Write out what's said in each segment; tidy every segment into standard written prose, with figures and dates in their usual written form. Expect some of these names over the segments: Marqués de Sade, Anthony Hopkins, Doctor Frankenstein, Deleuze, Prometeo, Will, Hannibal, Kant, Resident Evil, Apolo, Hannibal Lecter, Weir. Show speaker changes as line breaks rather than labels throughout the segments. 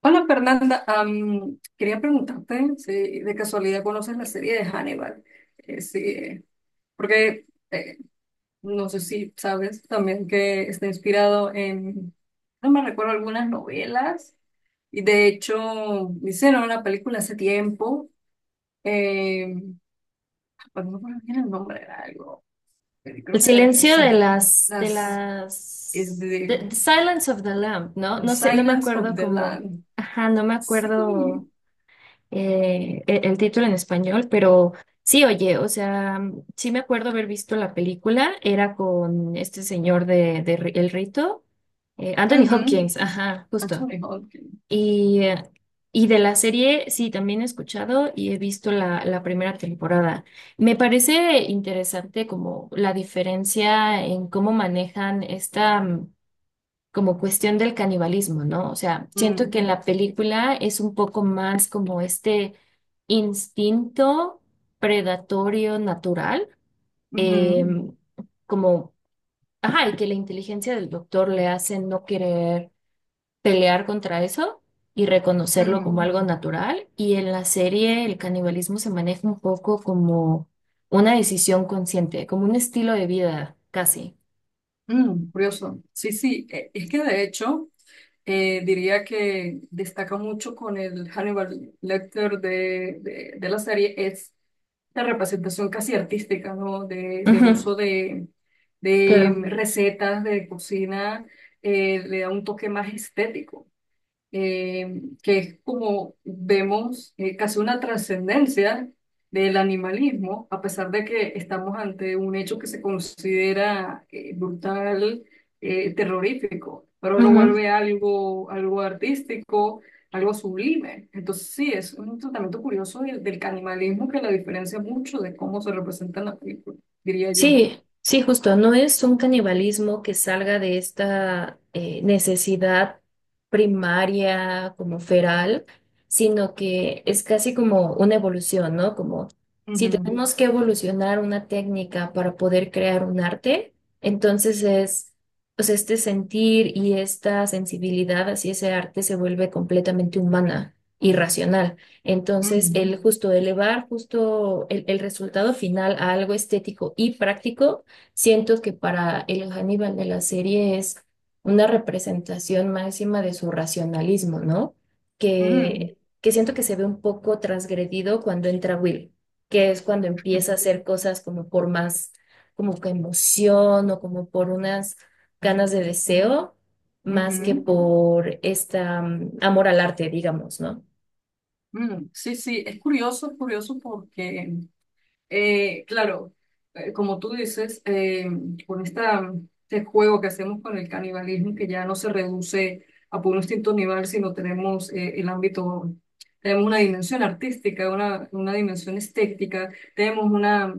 Hola Fernanda, quería preguntarte si de casualidad conoces la serie de Hannibal. Sí, porque eh, no sé si sabes también que está inspirado en, no me recuerdo, algunas novelas y de hecho hicieron una película hace tiempo, eh, pues no recuerdo bien el nombre, era algo, eh,
El
creo que
silencio de
esa- las
the,
de
the Silence of the Lamb, ¿no? No sé, no me
Silence of
acuerdo
the
cómo,
Land.
ajá, no me acuerdo
Sí.
título en español, pero sí, oye, o sea, sí me acuerdo haber visto la película, era con este señor de, El Rito, Anthony
Ujú.
Hopkins, ajá, justo.
Anthony Hopkins.
Y, eh, y de la serie, sí, también he escuchado y he visto la primera temporada. Me parece interesante como la diferencia en cómo manejan esta como cuestión del canibalismo, ¿no? O sea, siento
Mm.
que en la película es un poco más como este instinto predatorio natural, eh,
Ujú.
como, ajá, y que la inteligencia del doctor le hace no querer pelear contra eso y reconocerlo como
Mm.
algo natural. Y en la serie el canibalismo se maneja un poco como una decisión consciente, como un estilo de vida casi.
Curioso. Sí, sí, es que de hecho diría que destaca mucho con el Hannibal Lecter de la serie es la representación casi artística, ¿no? Del
Ujú,
uso de
claro.
recetas de cocina. Le da un toque más estético. Que es como vemos casi una trascendencia del animalismo, a pesar de que estamos ante un hecho que se considera brutal, terrorífico, pero lo
Ujú.
vuelve algo, algo artístico, algo sublime. Entonces sí, es un tratamiento curioso del canibalismo que la diferencia mucho de cómo se representa en la película, diría yo.
Sí, sí, justo, no es un canibalismo que salga de esta necesidad primaria como feral, sino que es casi como una evolución, ¿no? Como si
Ujú.
tenemos que evolucionar una técnica para poder crear un arte, entonces es, pues este sentir y esta sensibilidad hacia ese arte se vuelve completamente humana y racional. Entonces, el justo elevar justo el resultado final a algo estético y práctico, siento que para el Hannibal de la serie es una representación máxima de su racionalismo, ¿no?
Ujú.
Que siento que se ve un poco transgredido cuando entra Will, que es cuando empieza a
Ujú.
hacer cosas como por más, como que emoción o como por unas ganas de deseo,
Ujú.
más que
Ujú.
por esta, mm, amor al arte, digamos, ¿no?
Mm, sí, sí, es curioso porque claro, como tú dices, con esta, este juego que hacemos con el canibalismo, que ya no se reduce a puro instinto animal, sino tenemos el ámbito, tenemos una dimensión artística, una dimensión estética, tenemos una,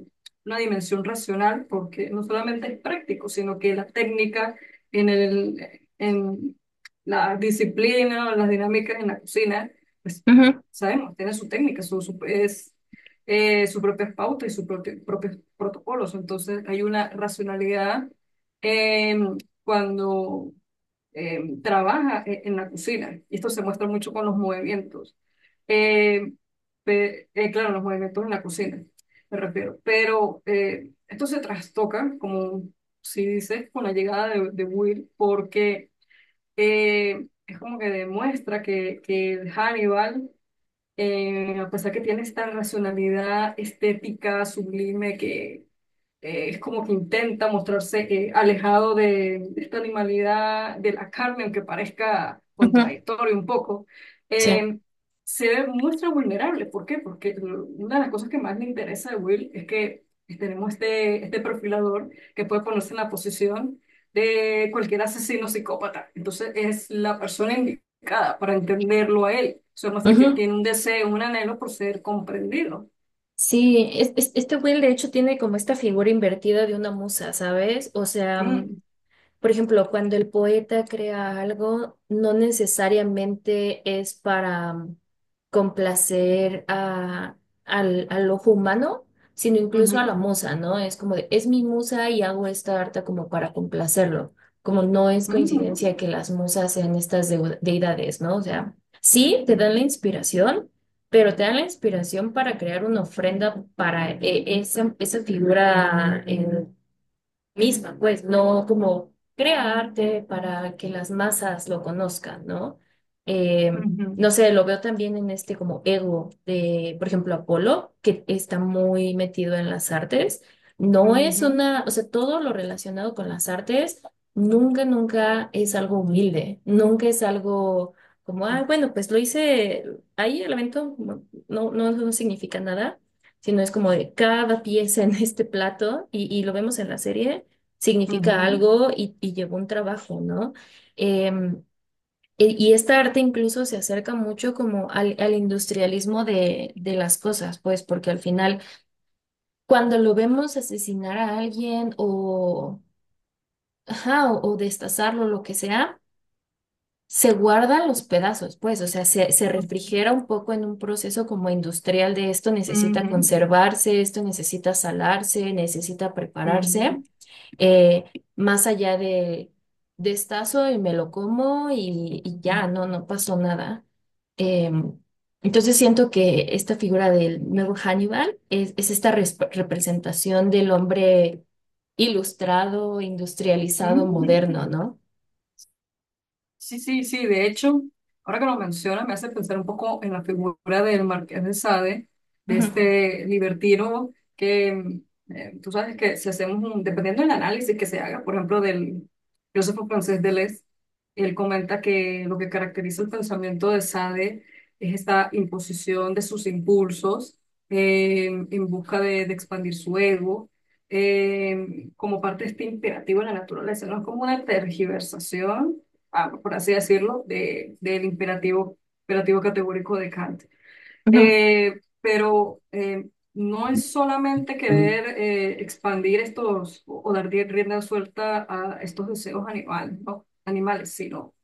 una dimensión racional, porque no solamente es práctico, sino que la técnica en la disciplina, las dinámicas en la cocina, pues sabemos, tiene su técnica, su- es sus propias pautas y sus propios protocolos. Entonces, hay una racionalidad eh, cuando trabaja en la cocina. Y esto se muestra mucho con los movimientos. Eh, claro, los movimientos en la cocina, me refiero. Pero esto se trastoca, como si dices, con la llegada de Will, porque es como que demuestra que Hannibal a pesar que tiene esta racionalidad estética sublime que, es como que intenta mostrarse alejado de esta animalidad de la carne, aunque parezca
Ujú,
contradictorio un poco,
sí,
eh, se muestra vulnerable. ¿Por qué? Porque una de las cosas que más me interesa de Will es que tenemos este perfilador que puede ponerse en la posición de cualquier asesino psicópata. Entonces es la persona indicada para entenderlo a él. Eso muestra que
ujú.
tiene un deseo, un anhelo por ser comprendido.
Sí, este Will de hecho tiene como esta figura invertida de una musa, ¿sabes? O sea,
Mm.
por ejemplo, cuando el poeta crea algo, no necesariamente es para complacer al ojo humano, sino incluso a
Ujú.
la musa, ¿no? Es como de, es mi musa y hago esta arte como para complacerlo. Como no es
Mm.
coincidencia que las musas sean estas deidades, ¿no? O sea, sí te dan la inspiración, pero te dan la inspiración para crear una ofrenda para esa figura, misma, pues no como crea arte para que las masas lo conozcan, ¿no? Eh,
Ujú.
no sé, lo veo también en este como ego de, por ejemplo, Apolo, que está muy metido en las artes. No es
Ujú.
una, o sea, todo lo relacionado con las artes nunca, nunca es algo humilde, nunca es algo como, ah, bueno, pues lo hice ahí, el evento no significa nada sino es como de cada pieza en este plato, y lo vemos en la serie, significa
Ujú.
algo y llevó un trabajo, ¿no? Em, y esta arte incluso se acerca mucho como al industrialismo de las cosas, pues, porque al final, cuando lo vemos asesinar a alguien o, ajá, o destazarlo, lo que sea, se guardan los pedazos, pues, o sea, se
Ujú.
refrigera un poco en un proceso como industrial de esto necesita ujú
Ujú.
conservarse, esto necesita salarse, necesita prepararse. eh, Más allá de destazo y me lo como y
Ujú.
ya, no pasó nada. Em, entonces siento que esta figura del nuevo Hannibal es esta representación del hombre ilustrado, industrializado,
Mm,
moderno, ¿no?
sí, sí, sí, de hecho, ahora que lo menciona me hace pensar un poco en la figura del Marqués de Sade, de
Ujú.
este libertino que tú sabes que si hacemos un, dependiendo del análisis que se haga, por ejemplo, del filósofo francés Deleuze, él comenta que lo que caracteriza el pensamiento de Sade es esta imposición de sus impulsos en busca de expandir su ego. Como parte de este imperativo de la naturaleza, no es como una tergiversación, ah, por así decirlo, del imperativo, categórico de Kant.
Ujú,
Pero no es solamente querer expandir estos o dar rienda suelta a estos deseos animales, ¿no? Animales, sino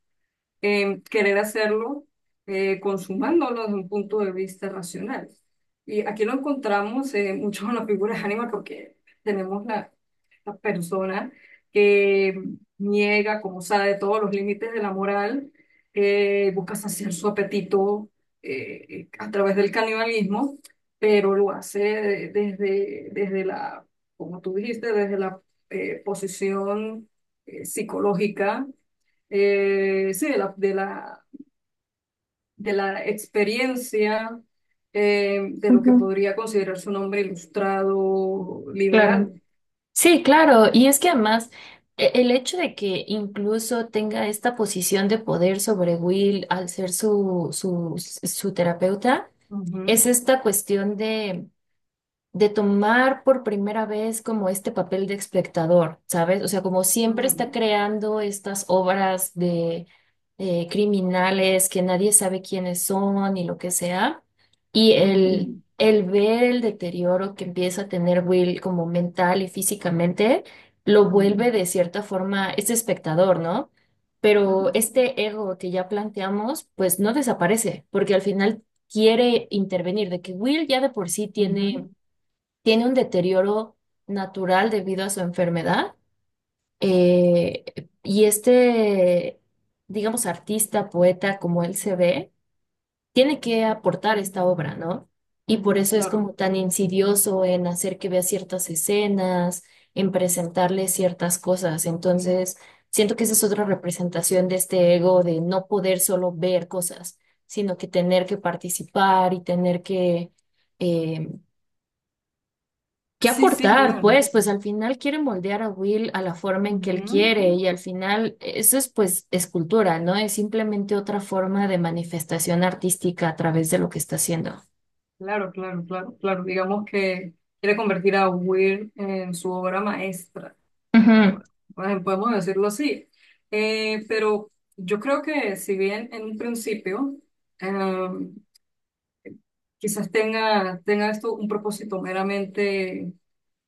querer hacerlo consumándolo desde un punto de vista racional. Y aquí lo encontramos mucho en las figuras de ánima porque tenemos la persona que niega, como sabe, todos los límites de la moral, busca saciar su apetito a través del canibalismo, pero lo hace desde, desde la, como tú dijiste, desde la posición psicológica sí, de la experiencia de lo que
ujú,
podría considerarse un hombre ilustrado
claro.
liberal.
Sí, claro, y es que además el hecho de que incluso tenga esta posición de poder sobre Will al ser su terapeuta,
Ujú.
es esta cuestión de tomar por primera vez como este papel de espectador, ¿sabes? O sea, como siempre está
Ujú.
creando estas obras de criminales que nadie sabe quiénes son y lo que sea, y
Ujú.
el ver el deterioro que empieza a tener Will como mental y físicamente, lo
Ujú.
vuelve de cierta forma este espectador, ¿no? Pero
Ujú.
este ego que ya planteamos, pues no desaparece, porque al final quiere intervenir, de que Will ya de por sí
Ujú.
tiene un deterioro natural debido a su enfermedad. eh, y este, digamos, artista, poeta, como él se ve, tiene que aportar esta obra, ¿no? Y por eso es
Claro.
como tan insidioso en hacer que vea ciertas escenas, en presentarle ciertas cosas. Entonces, siento que esa es otra representación de este ego de no poder solo ver cosas, sino que tener que participar y tener que... em, ¿Qué
Sí, sí,
aportar?
claro.
Pues, pues al final quieren moldear a Will a la forma en que él
Ujú.
quiere y al final eso es pues escultura, ¿no? Es simplemente otra forma de manifestación artística a través de lo que está haciendo.
Claro, claro, claro, claro. Digamos que quiere convertir a Weir en su obra maestra.
Ujú,
Bueno, podemos decirlo así. Pero yo creo que si bien en un principio em, quizás tenga esto un propósito meramente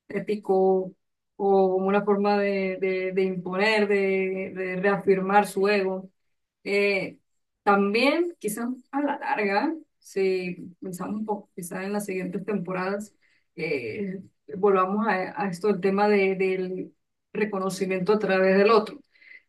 ético o una forma de imponer, de reafirmar su ego. Eh, También, quizás a la larga, si pensamos un poco, quizás en las siguientes temporadas, eh, volvamos a esto, el tema del reconocimiento a través del otro.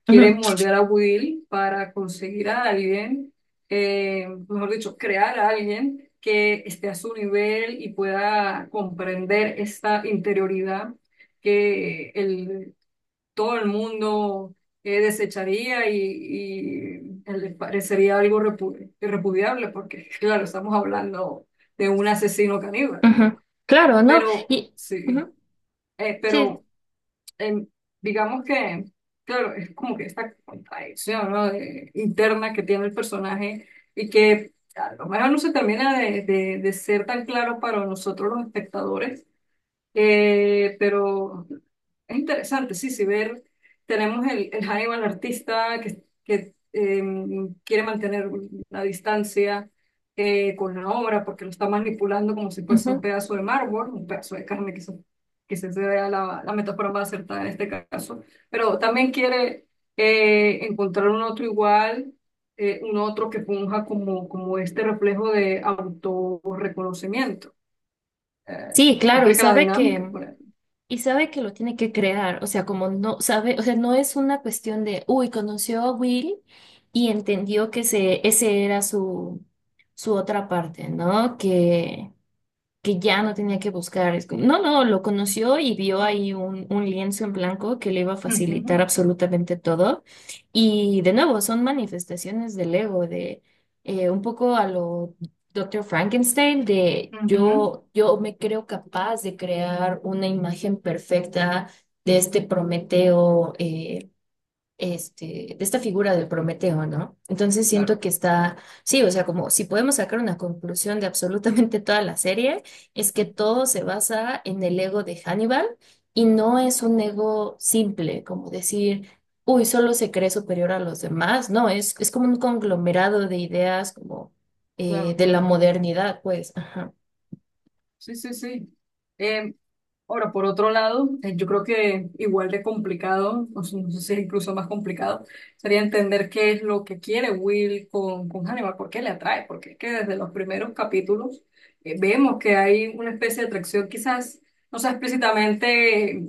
Quieren
ujú,
moldear a Will para conseguir a alguien, mejor dicho, crear a alguien que esté a su nivel y pueda comprender esta interioridad que todo el mundo desecharía y, le parecería algo irrepudiable, porque claro, estamos hablando de un asesino caníbal,
ujú. Claro, ¿no?
pero
Y
sí,
ujú,
eh,
sí,
pero em, digamos que, claro, es como que esta contradicción, ¿no? Interna que tiene el personaje y que a lo mejor no se termina de ser tan claro para nosotros los espectadores, pero es interesante, sí, sí, ver, tenemos el Hannibal artista que quiere mantener la distancia con la obra porque lo está manipulando como si fuese un
ujú.
pedazo de mármol, un pedazo de carne, quizás sea la metáfora más acertada en este caso, pero también quiere encontrar un otro igual, un otro que funja como este reflejo de autorreconocimiento.
Sí,
Esto
claro,
complica la dinámica, pues.
y sabe que lo tiene que crear, o sea, como no sabe, o sea, no es una cuestión de, uy, conoció a Will y entendió que ese era su otra parte, ¿no? Que ya no tenía que buscar. Es como- no, no, lo conoció y vio ahí un lienzo en blanco que le iba a
Ujú.
facilitar absolutamente todo. Y de nuevo, son manifestaciones del ego, de un poco a lo Doctor Frankenstein, de
Ujú.
yo me creo capaz de crear una imagen perfecta de este Prometeo de esta figura de Prometeo, ¿no? Entonces siento
Claro.
que está, sí, o sea, como si podemos sacar una conclusión de absolutamente toda la serie, es que
Ujú.
todo se basa en el ego de Hannibal y no es un ego simple, como decir, uy, solo se cree superior a los demás, no, es como un conglomerado de ideas como
Claro,
de la
claro.
modernidad, pues, ajá.
Sí, sí, sí. Eh, Ahora, por otro lado, yo creo que igual de complicado, o sea, no sé si es incluso más complicado, sería entender qué es lo que quiere Will con Hannibal, por qué le atrae, porque es que desde los primeros capítulos vemos que hay una especie de atracción quizás, no sea explícitamente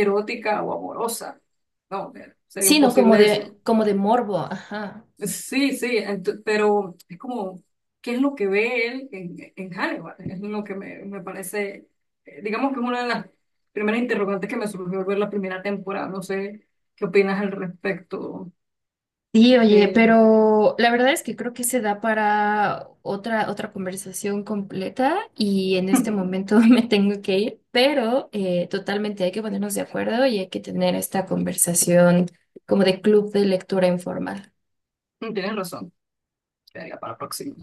erótica o amorosa. No, sería
Sí, no,
imposible eso.
como de morbo, ajá.
Sí, sí, pero es como, ¿qué es lo que ve él en Hannibal? Es lo que me parece, digamos que es una de las primeras interrogantes que me surgió al ver la primera temporada. No sé qué opinas al respecto.
Sí, oye,
Eh,
pero la verdad es que creo que se da para otra conversación completa y en este momento me tengo que ir, pero totalmente hay que ponernos de acuerdo y hay que tener esta conversación como de club de lectura informal.
Tienes razón, quedaría para la próxima.